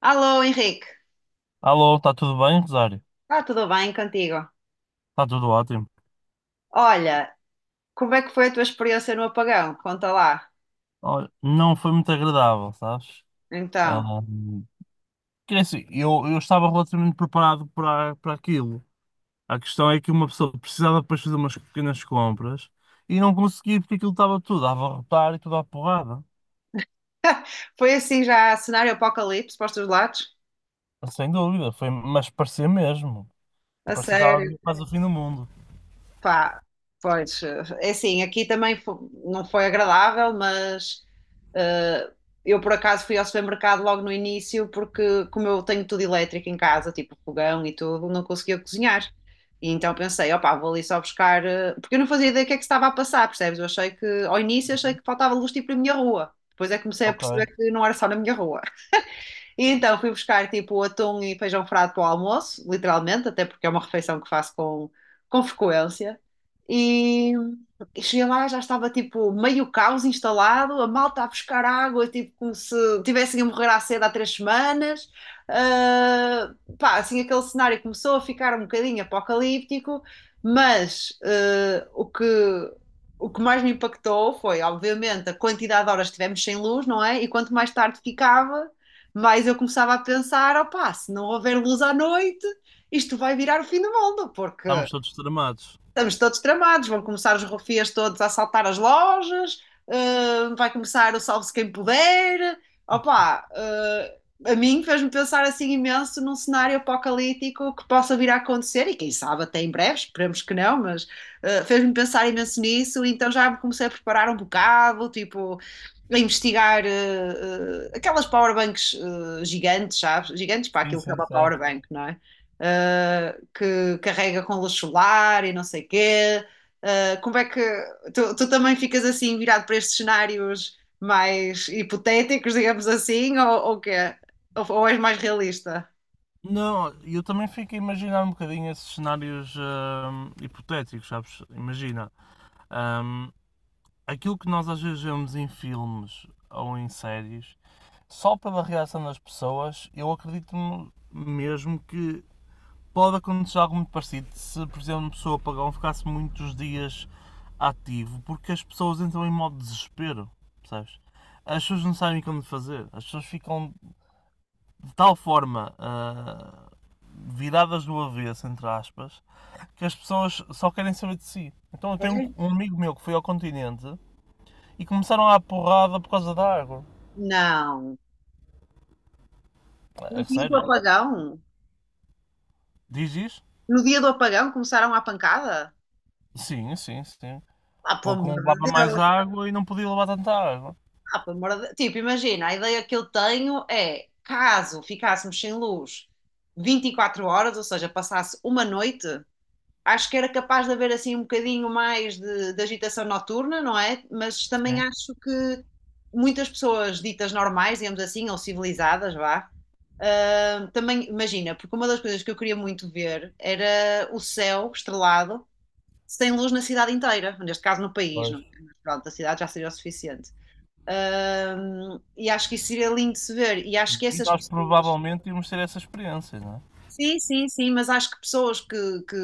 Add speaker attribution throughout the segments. Speaker 1: Alô, Henrique.
Speaker 2: Alô, está tudo bem, Rosário?
Speaker 1: Está tudo bem contigo?
Speaker 2: Está tudo ótimo.
Speaker 1: Olha, como é que foi a tua experiência no apagão? Conta lá.
Speaker 2: Olha, não foi muito agradável, sabes?
Speaker 1: Então,
Speaker 2: Ahm, quer dizer, eu estava relativamente preparado para aquilo. A questão é que uma pessoa precisava depois fazer umas pequenas compras e não conseguia porque aquilo estava tudo a abarrotar e tudo à porrada.
Speaker 1: foi assim já cenário apocalipse para os teus lados?
Speaker 2: Sem dúvida, foi, mas parecia mesmo.
Speaker 1: A
Speaker 2: Parecia que estava a
Speaker 1: sério?
Speaker 2: vir quase o fim do mundo.
Speaker 1: Pá, pois, é assim, aqui também não foi agradável, mas eh, eu por acaso fui ao supermercado logo no início, porque como eu tenho tudo elétrico em casa, tipo fogão e tudo, não conseguia cozinhar. E então pensei, opá, vou ali só buscar, porque eu não fazia ideia do que é que se estava a passar, percebes? Eu achei que, ao início, achei que faltava luz tipo na minha rua. Depois é que comecei a
Speaker 2: Ok,
Speaker 1: perceber que não era só na minha rua. E então fui buscar tipo atum e feijão frado para o almoço, literalmente, até porque é uma refeição que faço com frequência. e Cheguei lá, já estava tipo meio caos instalado, a malta a buscar água, tipo como se tivessem a morrer à sede há 3 semanas. Ah, pá, assim aquele cenário começou a ficar um bocadinho apocalíptico, mas o que mais me impactou foi, obviamente, a quantidade de horas que tivemos sem luz, não é? E quanto mais tarde ficava, mais eu começava a pensar: opá, se não houver luz à noite, isto vai virar o fim do mundo, porque
Speaker 2: estamos todos tramados.
Speaker 1: estamos todos tramados, vão começar os rufias todos a assaltar as lojas, vai começar o salve-se quem puder. Opa, a mim fez-me pensar assim imenso num cenário apocalíptico que possa vir a acontecer, e quem sabe até em breve, esperemos que não, mas fez-me pensar imenso nisso, então já me comecei a preparar um bocado, tipo, a investigar aquelas powerbanks gigantes, sabes? Gigantes para
Speaker 2: Sim,
Speaker 1: aquilo que é
Speaker 2: sim,
Speaker 1: uma
Speaker 2: sei.
Speaker 1: powerbank, não é? Que carrega com luz solar e não sei o quê. Como é que tu também ficas assim virado para estes cenários mais hipotéticos, digamos assim, ou quê? Ou és mais realista?
Speaker 2: Não, eu também fico a imaginar um bocadinho esses cenários hipotéticos, sabes? Imagina, hum, aquilo que nós às vezes vemos em filmes ou em séries, só pela reação das pessoas, eu acredito mesmo que pode acontecer algo muito parecido se, por exemplo, uma pessoa pagão ficasse muitos dias ativo, porque as pessoas entram em modo desespero, percebes? As pessoas não sabem como fazer, as pessoas ficam de tal forma viradas do avesso, entre aspas, que as pessoas só querem saber de si. Então eu tenho um
Speaker 1: É?
Speaker 2: um amigo meu que foi ao continente e começaram a porrada por causa da água.
Speaker 1: Não. No
Speaker 2: É
Speaker 1: dia do
Speaker 2: sério?
Speaker 1: apagão?
Speaker 2: Diz isso?
Speaker 1: No dia do apagão começaram à pancada?
Speaker 2: Sim, sim, sim.
Speaker 1: Ah, pelo
Speaker 2: Porque
Speaker 1: amor
Speaker 2: um levava
Speaker 1: de
Speaker 2: mais
Speaker 1: Deus!
Speaker 2: água e não podia levar tanta água.
Speaker 1: Ah, pelo amor de... Tipo, imagina, a ideia que eu tenho é, caso ficássemos sem luz 24 horas, ou seja, passasse uma noite, acho que era capaz de haver assim um bocadinho mais de agitação noturna, não é? Mas também
Speaker 2: Sim.
Speaker 1: acho que muitas pessoas ditas normais, digamos assim, ou civilizadas, vá. Ah, também, imagina, porque uma das coisas que eu queria muito ver era o céu estrelado sem luz na cidade inteira, neste caso no país, não
Speaker 2: Pois.
Speaker 1: é? Mas pronto, a cidade já seria o suficiente. Ah, e acho que isso seria lindo de se ver, e acho que
Speaker 2: E
Speaker 1: essas
Speaker 2: nós
Speaker 1: pessoas...
Speaker 2: provavelmente íamos ter essa experiência, não é?
Speaker 1: Sim, sim, sim, mas acho que pessoas que, que...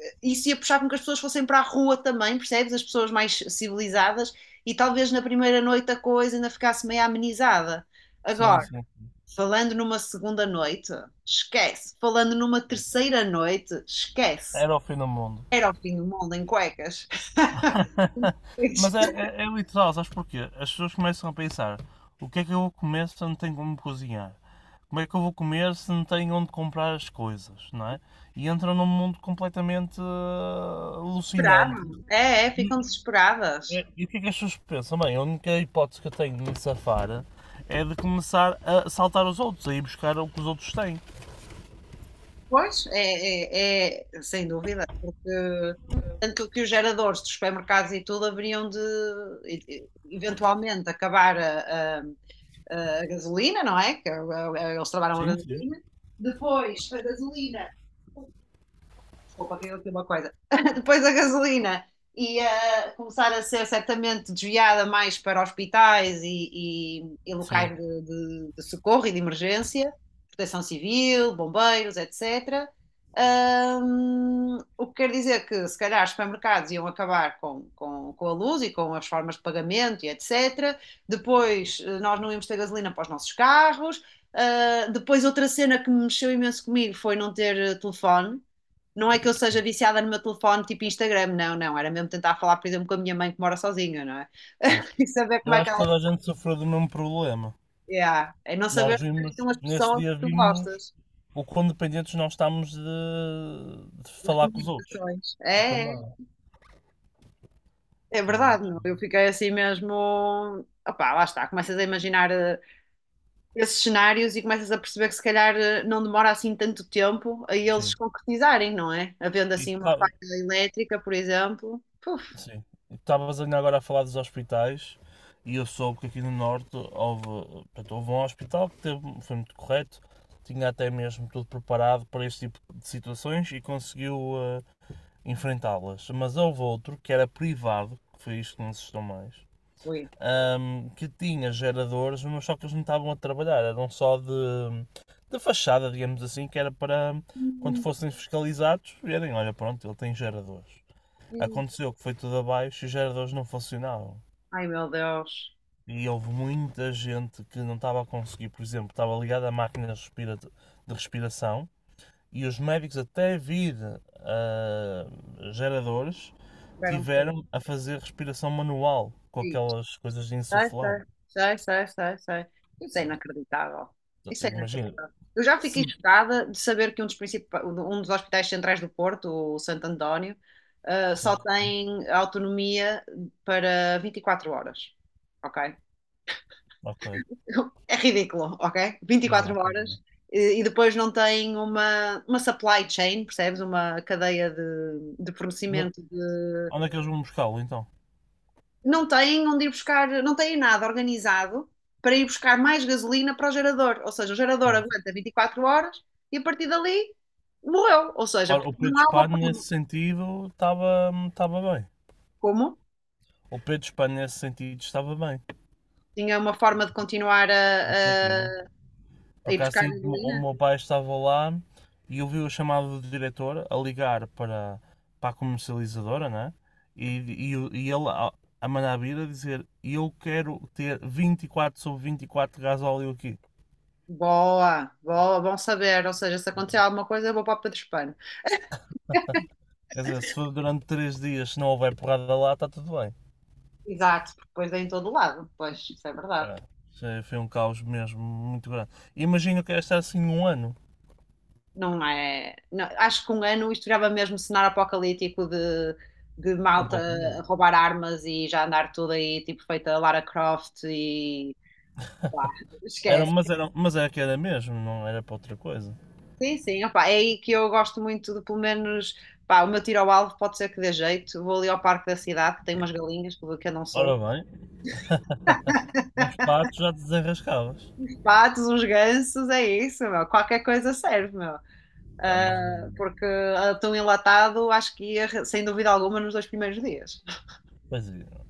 Speaker 1: eh, isso ia puxar com que as pessoas fossem para a rua também, percebes? As pessoas mais civilizadas e talvez na primeira noite a coisa ainda ficasse meio amenizada.
Speaker 2: Sim,
Speaker 1: Agora,
Speaker 2: sim.
Speaker 1: falando numa segunda noite, esquece. Falando numa terceira noite, esquece.
Speaker 2: Era o fim do mundo.
Speaker 1: Era o fim do mundo em cuecas.
Speaker 2: Mas é,
Speaker 1: Fico...
Speaker 2: é, é literal, sabes porquê? As pessoas começam a pensar: o que é que eu vou comer se eu não tenho como cozinhar? Como é que eu vou comer se não tenho onde comprar as coisas, não é? E entram num mundo completamente alucinante.
Speaker 1: É, é, ficam desesperadas.
Speaker 2: E o que é que as pessoas pensam? Bem, a única hipótese que eu tenho de me safar é de começar a saltar os outros, a ir buscar o que os outros têm.
Speaker 1: Pois, é, é, é, sem dúvida, porque tanto que os geradores dos supermercados e tudo haveriam de eventualmente acabar a gasolina, não é? Que eles trabalham a
Speaker 2: Sim, sim.
Speaker 1: gasolina. Depois, a gasolina, desculpa, eu aqui uma coisa, depois a gasolina ia começar a ser certamente desviada mais para hospitais e locais
Speaker 2: Sim.
Speaker 1: de socorro e de emergência, proteção civil, bombeiros, etc. O que quer dizer que se calhar os supermercados iam acabar com a luz e com as formas de pagamento e etc. Depois nós não íamos ter gasolina para os nossos carros. Ah, depois outra cena que mexeu imenso comigo foi não ter telefone. Não é que eu seja viciada no meu telefone tipo Instagram, não, não, era mesmo tentar falar, por exemplo, com a minha mãe que mora sozinha, não é?
Speaker 2: Mas
Speaker 1: E saber como
Speaker 2: eu
Speaker 1: é que
Speaker 2: acho que
Speaker 1: ela
Speaker 2: toda a
Speaker 1: é.
Speaker 2: gente sofreu do mesmo problema.
Speaker 1: Yeah. É. Não saber
Speaker 2: Nós
Speaker 1: que são
Speaker 2: vimos,
Speaker 1: as
Speaker 2: nesse
Speaker 1: pessoas que
Speaker 2: dia
Speaker 1: tu
Speaker 2: vimos
Speaker 1: gostas,
Speaker 2: o quão dependentes nós estamos de
Speaker 1: as
Speaker 2: falar com os outros,
Speaker 1: comunicações.
Speaker 2: de
Speaker 1: É, é,
Speaker 2: chamar.
Speaker 1: é
Speaker 2: Mas,
Speaker 1: verdade, não? Eu fiquei assim mesmo. Opá, lá está, começas a imaginar esses cenários e começas a perceber que se calhar não demora assim tanto tempo a eles se
Speaker 2: sim.
Speaker 1: concretizarem, não é? Havendo
Speaker 2: E
Speaker 1: assim
Speaker 2: tu
Speaker 1: uma
Speaker 2: tá-
Speaker 1: faca elétrica, por exemplo. Puf,
Speaker 2: sim. E tu estavas ainda agora a falar dos hospitais e eu soube que aqui no Norte houve, portanto, houve um hospital que foi muito correto, tinha até mesmo tudo preparado para este tipo de situações e conseguiu eh, enfrentá-las. Mas houve outro que era privado, que foi isto que me assustou mais,
Speaker 1: ui.
Speaker 2: que tinha geradores, mas só que eles não estavam a trabalhar, eram só de fachada, digamos assim, que era para quando fossem fiscalizados verem, olha pronto, ele tem geradores. Aconteceu que foi tudo abaixo e os geradores não funcionavam.
Speaker 1: Ai meu Deus,
Speaker 2: E houve muita gente que não estava a conseguir, por exemplo, estava ligada a máquina de respiração e os médicos até vir ah, geradores
Speaker 1: tiveram que...
Speaker 2: tiveram a fazer respiração manual com
Speaker 1: Sim,
Speaker 2: aquelas coisas de
Speaker 1: sai,
Speaker 2: insuflar.
Speaker 1: sai, sai, sai, sai, sai. Isso é inacreditável.
Speaker 2: Exato,
Speaker 1: Isso é
Speaker 2: imagina,
Speaker 1: inacreditável. Eu já
Speaker 2: se.
Speaker 1: fiquei chocada de saber que um dos principais, um dos hospitais centrais do Porto, o Santo António, ah, só
Speaker 2: Sim,
Speaker 1: tem autonomia para 24 horas. Ok?
Speaker 2: ok.
Speaker 1: É ridículo, ok? 24
Speaker 2: Exato. Ok.
Speaker 1: horas e depois não tem uma supply chain, percebes? Uma cadeia de
Speaker 2: No-
Speaker 1: fornecimento de...
Speaker 2: Onde é que eles vão buscá-lo então?
Speaker 1: Não têm onde ir buscar, não têm nada organizado para ir buscar mais gasolina para o gerador. Ou seja, o gerador
Speaker 2: Bom,
Speaker 1: aguenta 24 horas e a partir dali morreu. Ou seja,
Speaker 2: ora, o
Speaker 1: porque
Speaker 2: Pedro
Speaker 1: não há uma
Speaker 2: Espanho
Speaker 1: forma.
Speaker 2: nesse sentido estava bem.
Speaker 1: Como?
Speaker 2: O Pedro Espanho nesse sentido estava bem.
Speaker 1: Tinha uma forma de continuar
Speaker 2: Não tinha. Por
Speaker 1: a ir
Speaker 2: acaso
Speaker 1: buscar
Speaker 2: sim, o
Speaker 1: gasolina?
Speaker 2: meu pai estava lá e eu vi o chamado do diretor a ligar para a comercializadora, né? E, e ele a mandar vir a dizer: eu quero ter 24 sobre 24 gasóleo aqui.
Speaker 1: Boa, boa, bom saber. Ou seja, se acontecer alguma coisa, eu vou para o Pedro Espano.
Speaker 2: Quer dizer, se for durante 3 dias, se não houver porrada lá, está tudo bem.
Speaker 1: Exato, porque depois é em todo lado. Pois, isso é verdade.
Speaker 2: Pá, foi um caos mesmo muito grande. Imagino que era estar assim um ano,
Speaker 1: Não é. Não, acho que um ano isto virava mesmo cenário apocalíptico de malta
Speaker 2: completamente.
Speaker 1: a roubar armas e já andar tudo aí, tipo feita Lara Croft e... Pá,
Speaker 2: Era,
Speaker 1: esquece.
Speaker 2: mas, era, mas era que era mesmo, não era para outra coisa.
Speaker 1: Sim, sim, opá, é aí que eu gosto muito de, pelo menos, pá, o meu tiro ao alvo pode ser que dê jeito. Vou ali ao parque da cidade, que tem umas galinhas que eu não
Speaker 2: Ora
Speaker 1: sou.
Speaker 2: bem, uns patos já te desenrascavas.
Speaker 1: Patos, uns gansos, é isso, meu. Qualquer coisa serve, meu.
Speaker 2: Pá, mas
Speaker 1: Ah,
Speaker 2: não.
Speaker 1: porque ah, tão enlatado, acho que ia, sem dúvida alguma, nos 2 primeiros dias.
Speaker 2: Pois é.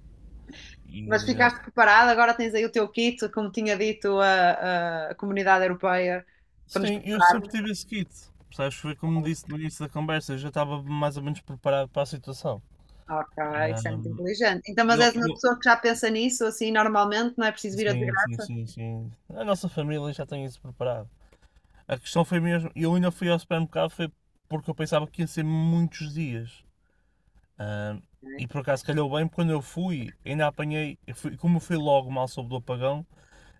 Speaker 1: Mas
Speaker 2: E, eh,
Speaker 1: ficaste preparado, agora tens aí o teu kit, como tinha dito a comunidade europeia, para nos
Speaker 2: sim, eu sempre
Speaker 1: prepararmos.
Speaker 2: tive esse kit. Percebes? Foi como disse no início da conversa, eu já estava mais ou menos preparado para a situação.
Speaker 1: Ok, isso é muito
Speaker 2: Ahm,
Speaker 1: inteligente. Então, mas
Speaker 2: eu,
Speaker 1: és uma
Speaker 2: eu-
Speaker 1: pessoa que já pensa nisso, assim, normalmente, não é preciso vir a de
Speaker 2: sim, sim,
Speaker 1: graça?
Speaker 2: sim, sim. A nossa família já tem isso preparado. A questão foi mesmo. Eu ainda fui ao supermercado foi porque eu pensava que ia ser muitos dias. Ah, e
Speaker 1: Ok,
Speaker 2: por acaso calhou bem, porque quando eu fui, ainda apanhei. Como eu fui logo mal sobre o apagão,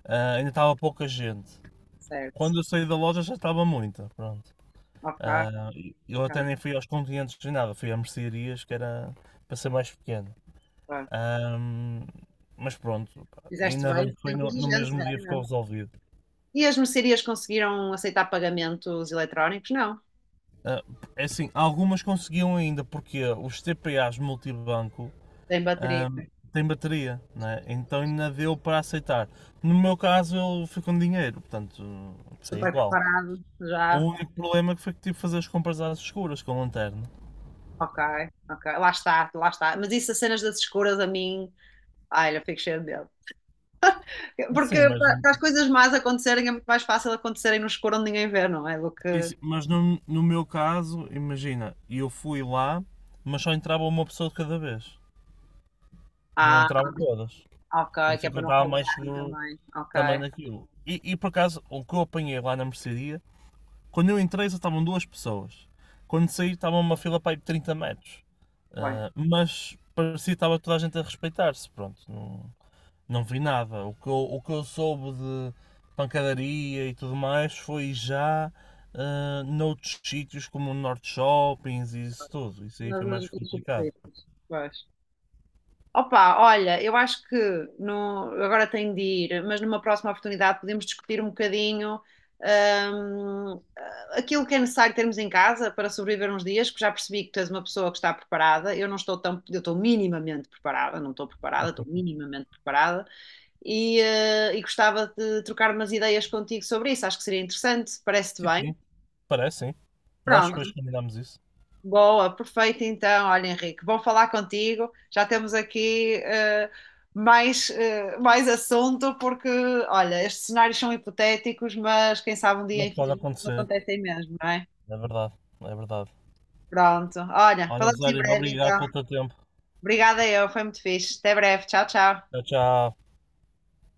Speaker 2: ah, ainda estava pouca gente.
Speaker 1: certo.
Speaker 2: Quando eu saí da loja já estava muita, pronto.
Speaker 1: Ok,
Speaker 2: Ah, eu
Speaker 1: ok,
Speaker 2: até nem fui aos continentes nem nada, fui a mercearias, que era para ser mais pequeno.
Speaker 1: ok.
Speaker 2: Ah, mas pronto, pá,
Speaker 1: Fizeste
Speaker 2: ainda bem
Speaker 1: bem,
Speaker 2: que
Speaker 1: foi
Speaker 2: foi no
Speaker 1: inteligente,
Speaker 2: mesmo dia
Speaker 1: bem,
Speaker 2: ficou
Speaker 1: não.
Speaker 2: resolvido.
Speaker 1: E as mercearias conseguiram aceitar pagamentos eletrónicos? Não.
Speaker 2: Ah, é assim, algumas conseguiam ainda, porque os TPAs multibanco
Speaker 1: Tem bateria.
Speaker 2: ahm, têm bateria, né? Então ainda deu para aceitar. No meu caso, eu fui com dinheiro, portanto, foi
Speaker 1: Super
Speaker 2: igual.
Speaker 1: preparado,
Speaker 2: O
Speaker 1: já.
Speaker 2: único problema que foi que tive que fazer as compras às escuras com lanterna.
Speaker 1: Ok, ok. Lá está, lá está. Mas isso, as cenas das escuras, a mim, ai, eu fico cheia de medo. Porque
Speaker 2: Sim, mas,
Speaker 1: para as coisas más acontecerem é muito mais fácil acontecerem no escuro onde ninguém vê, não é? Do que.
Speaker 2: mas no meu caso, imagina, eu fui lá, mas só entrava uma pessoa de cada vez, não
Speaker 1: Ah,
Speaker 2: entravam todas.
Speaker 1: ok,
Speaker 2: Por
Speaker 1: que
Speaker 2: isso é
Speaker 1: é
Speaker 2: que eu
Speaker 1: para não
Speaker 2: estava mais
Speaker 1: roubarem
Speaker 2: seguro
Speaker 1: também.
Speaker 2: também
Speaker 1: Ok,
Speaker 2: daquilo. E por acaso, o que eu apanhei lá na mercearia quando eu entrei só estavam duas pessoas. Quando saí estava uma fila para aí de 30 metros.
Speaker 1: bem.
Speaker 2: Ah, mas parecia que estava toda a gente a respeitar-se. Pronto, não, não vi nada. O que eu soube de pancadaria e tudo mais foi já noutros sítios como o Norte Shoppings e isso tudo. Isso aí
Speaker 1: Nas
Speaker 2: foi
Speaker 1: nas
Speaker 2: mais
Speaker 1: minhas
Speaker 2: complicado.
Speaker 1: superfícies. Pois. Opa, olha, eu acho que no, agora tenho de ir, mas numa próxima oportunidade podemos discutir um bocadinho hum, aquilo que é necessário termos em casa para sobreviver uns dias, porque já percebi que tu és uma pessoa que está preparada. Eu não estou tão, eu estou minimamente preparada, não estou preparada, estou minimamente preparada. E e gostava de trocar umas ideias contigo sobre isso. Acho que seria interessante, parece-te
Speaker 2: Sim,
Speaker 1: bem.
Speaker 2: sim. Parece, sim. Nós depois
Speaker 1: Pronto,
Speaker 2: combinámos isso.
Speaker 1: boa, perfeito então. Olha, Henrique, bom falar contigo. Já temos aqui mais assunto, porque, olha, estes cenários são hipotéticos, mas quem sabe um dia,
Speaker 2: Mas pode
Speaker 1: infelizmente, não
Speaker 2: acontecer.
Speaker 1: acontecem mesmo, não é?
Speaker 2: É verdade, é verdade.
Speaker 1: Pronto, olha,
Speaker 2: Olha,
Speaker 1: falamos
Speaker 2: Zé,
Speaker 1: em breve
Speaker 2: obrigado
Speaker 1: então.
Speaker 2: pelo teu tempo.
Speaker 1: Obrigada eu, foi muito fixe. Até breve, tchau, tchau.
Speaker 2: Tchau, tchau.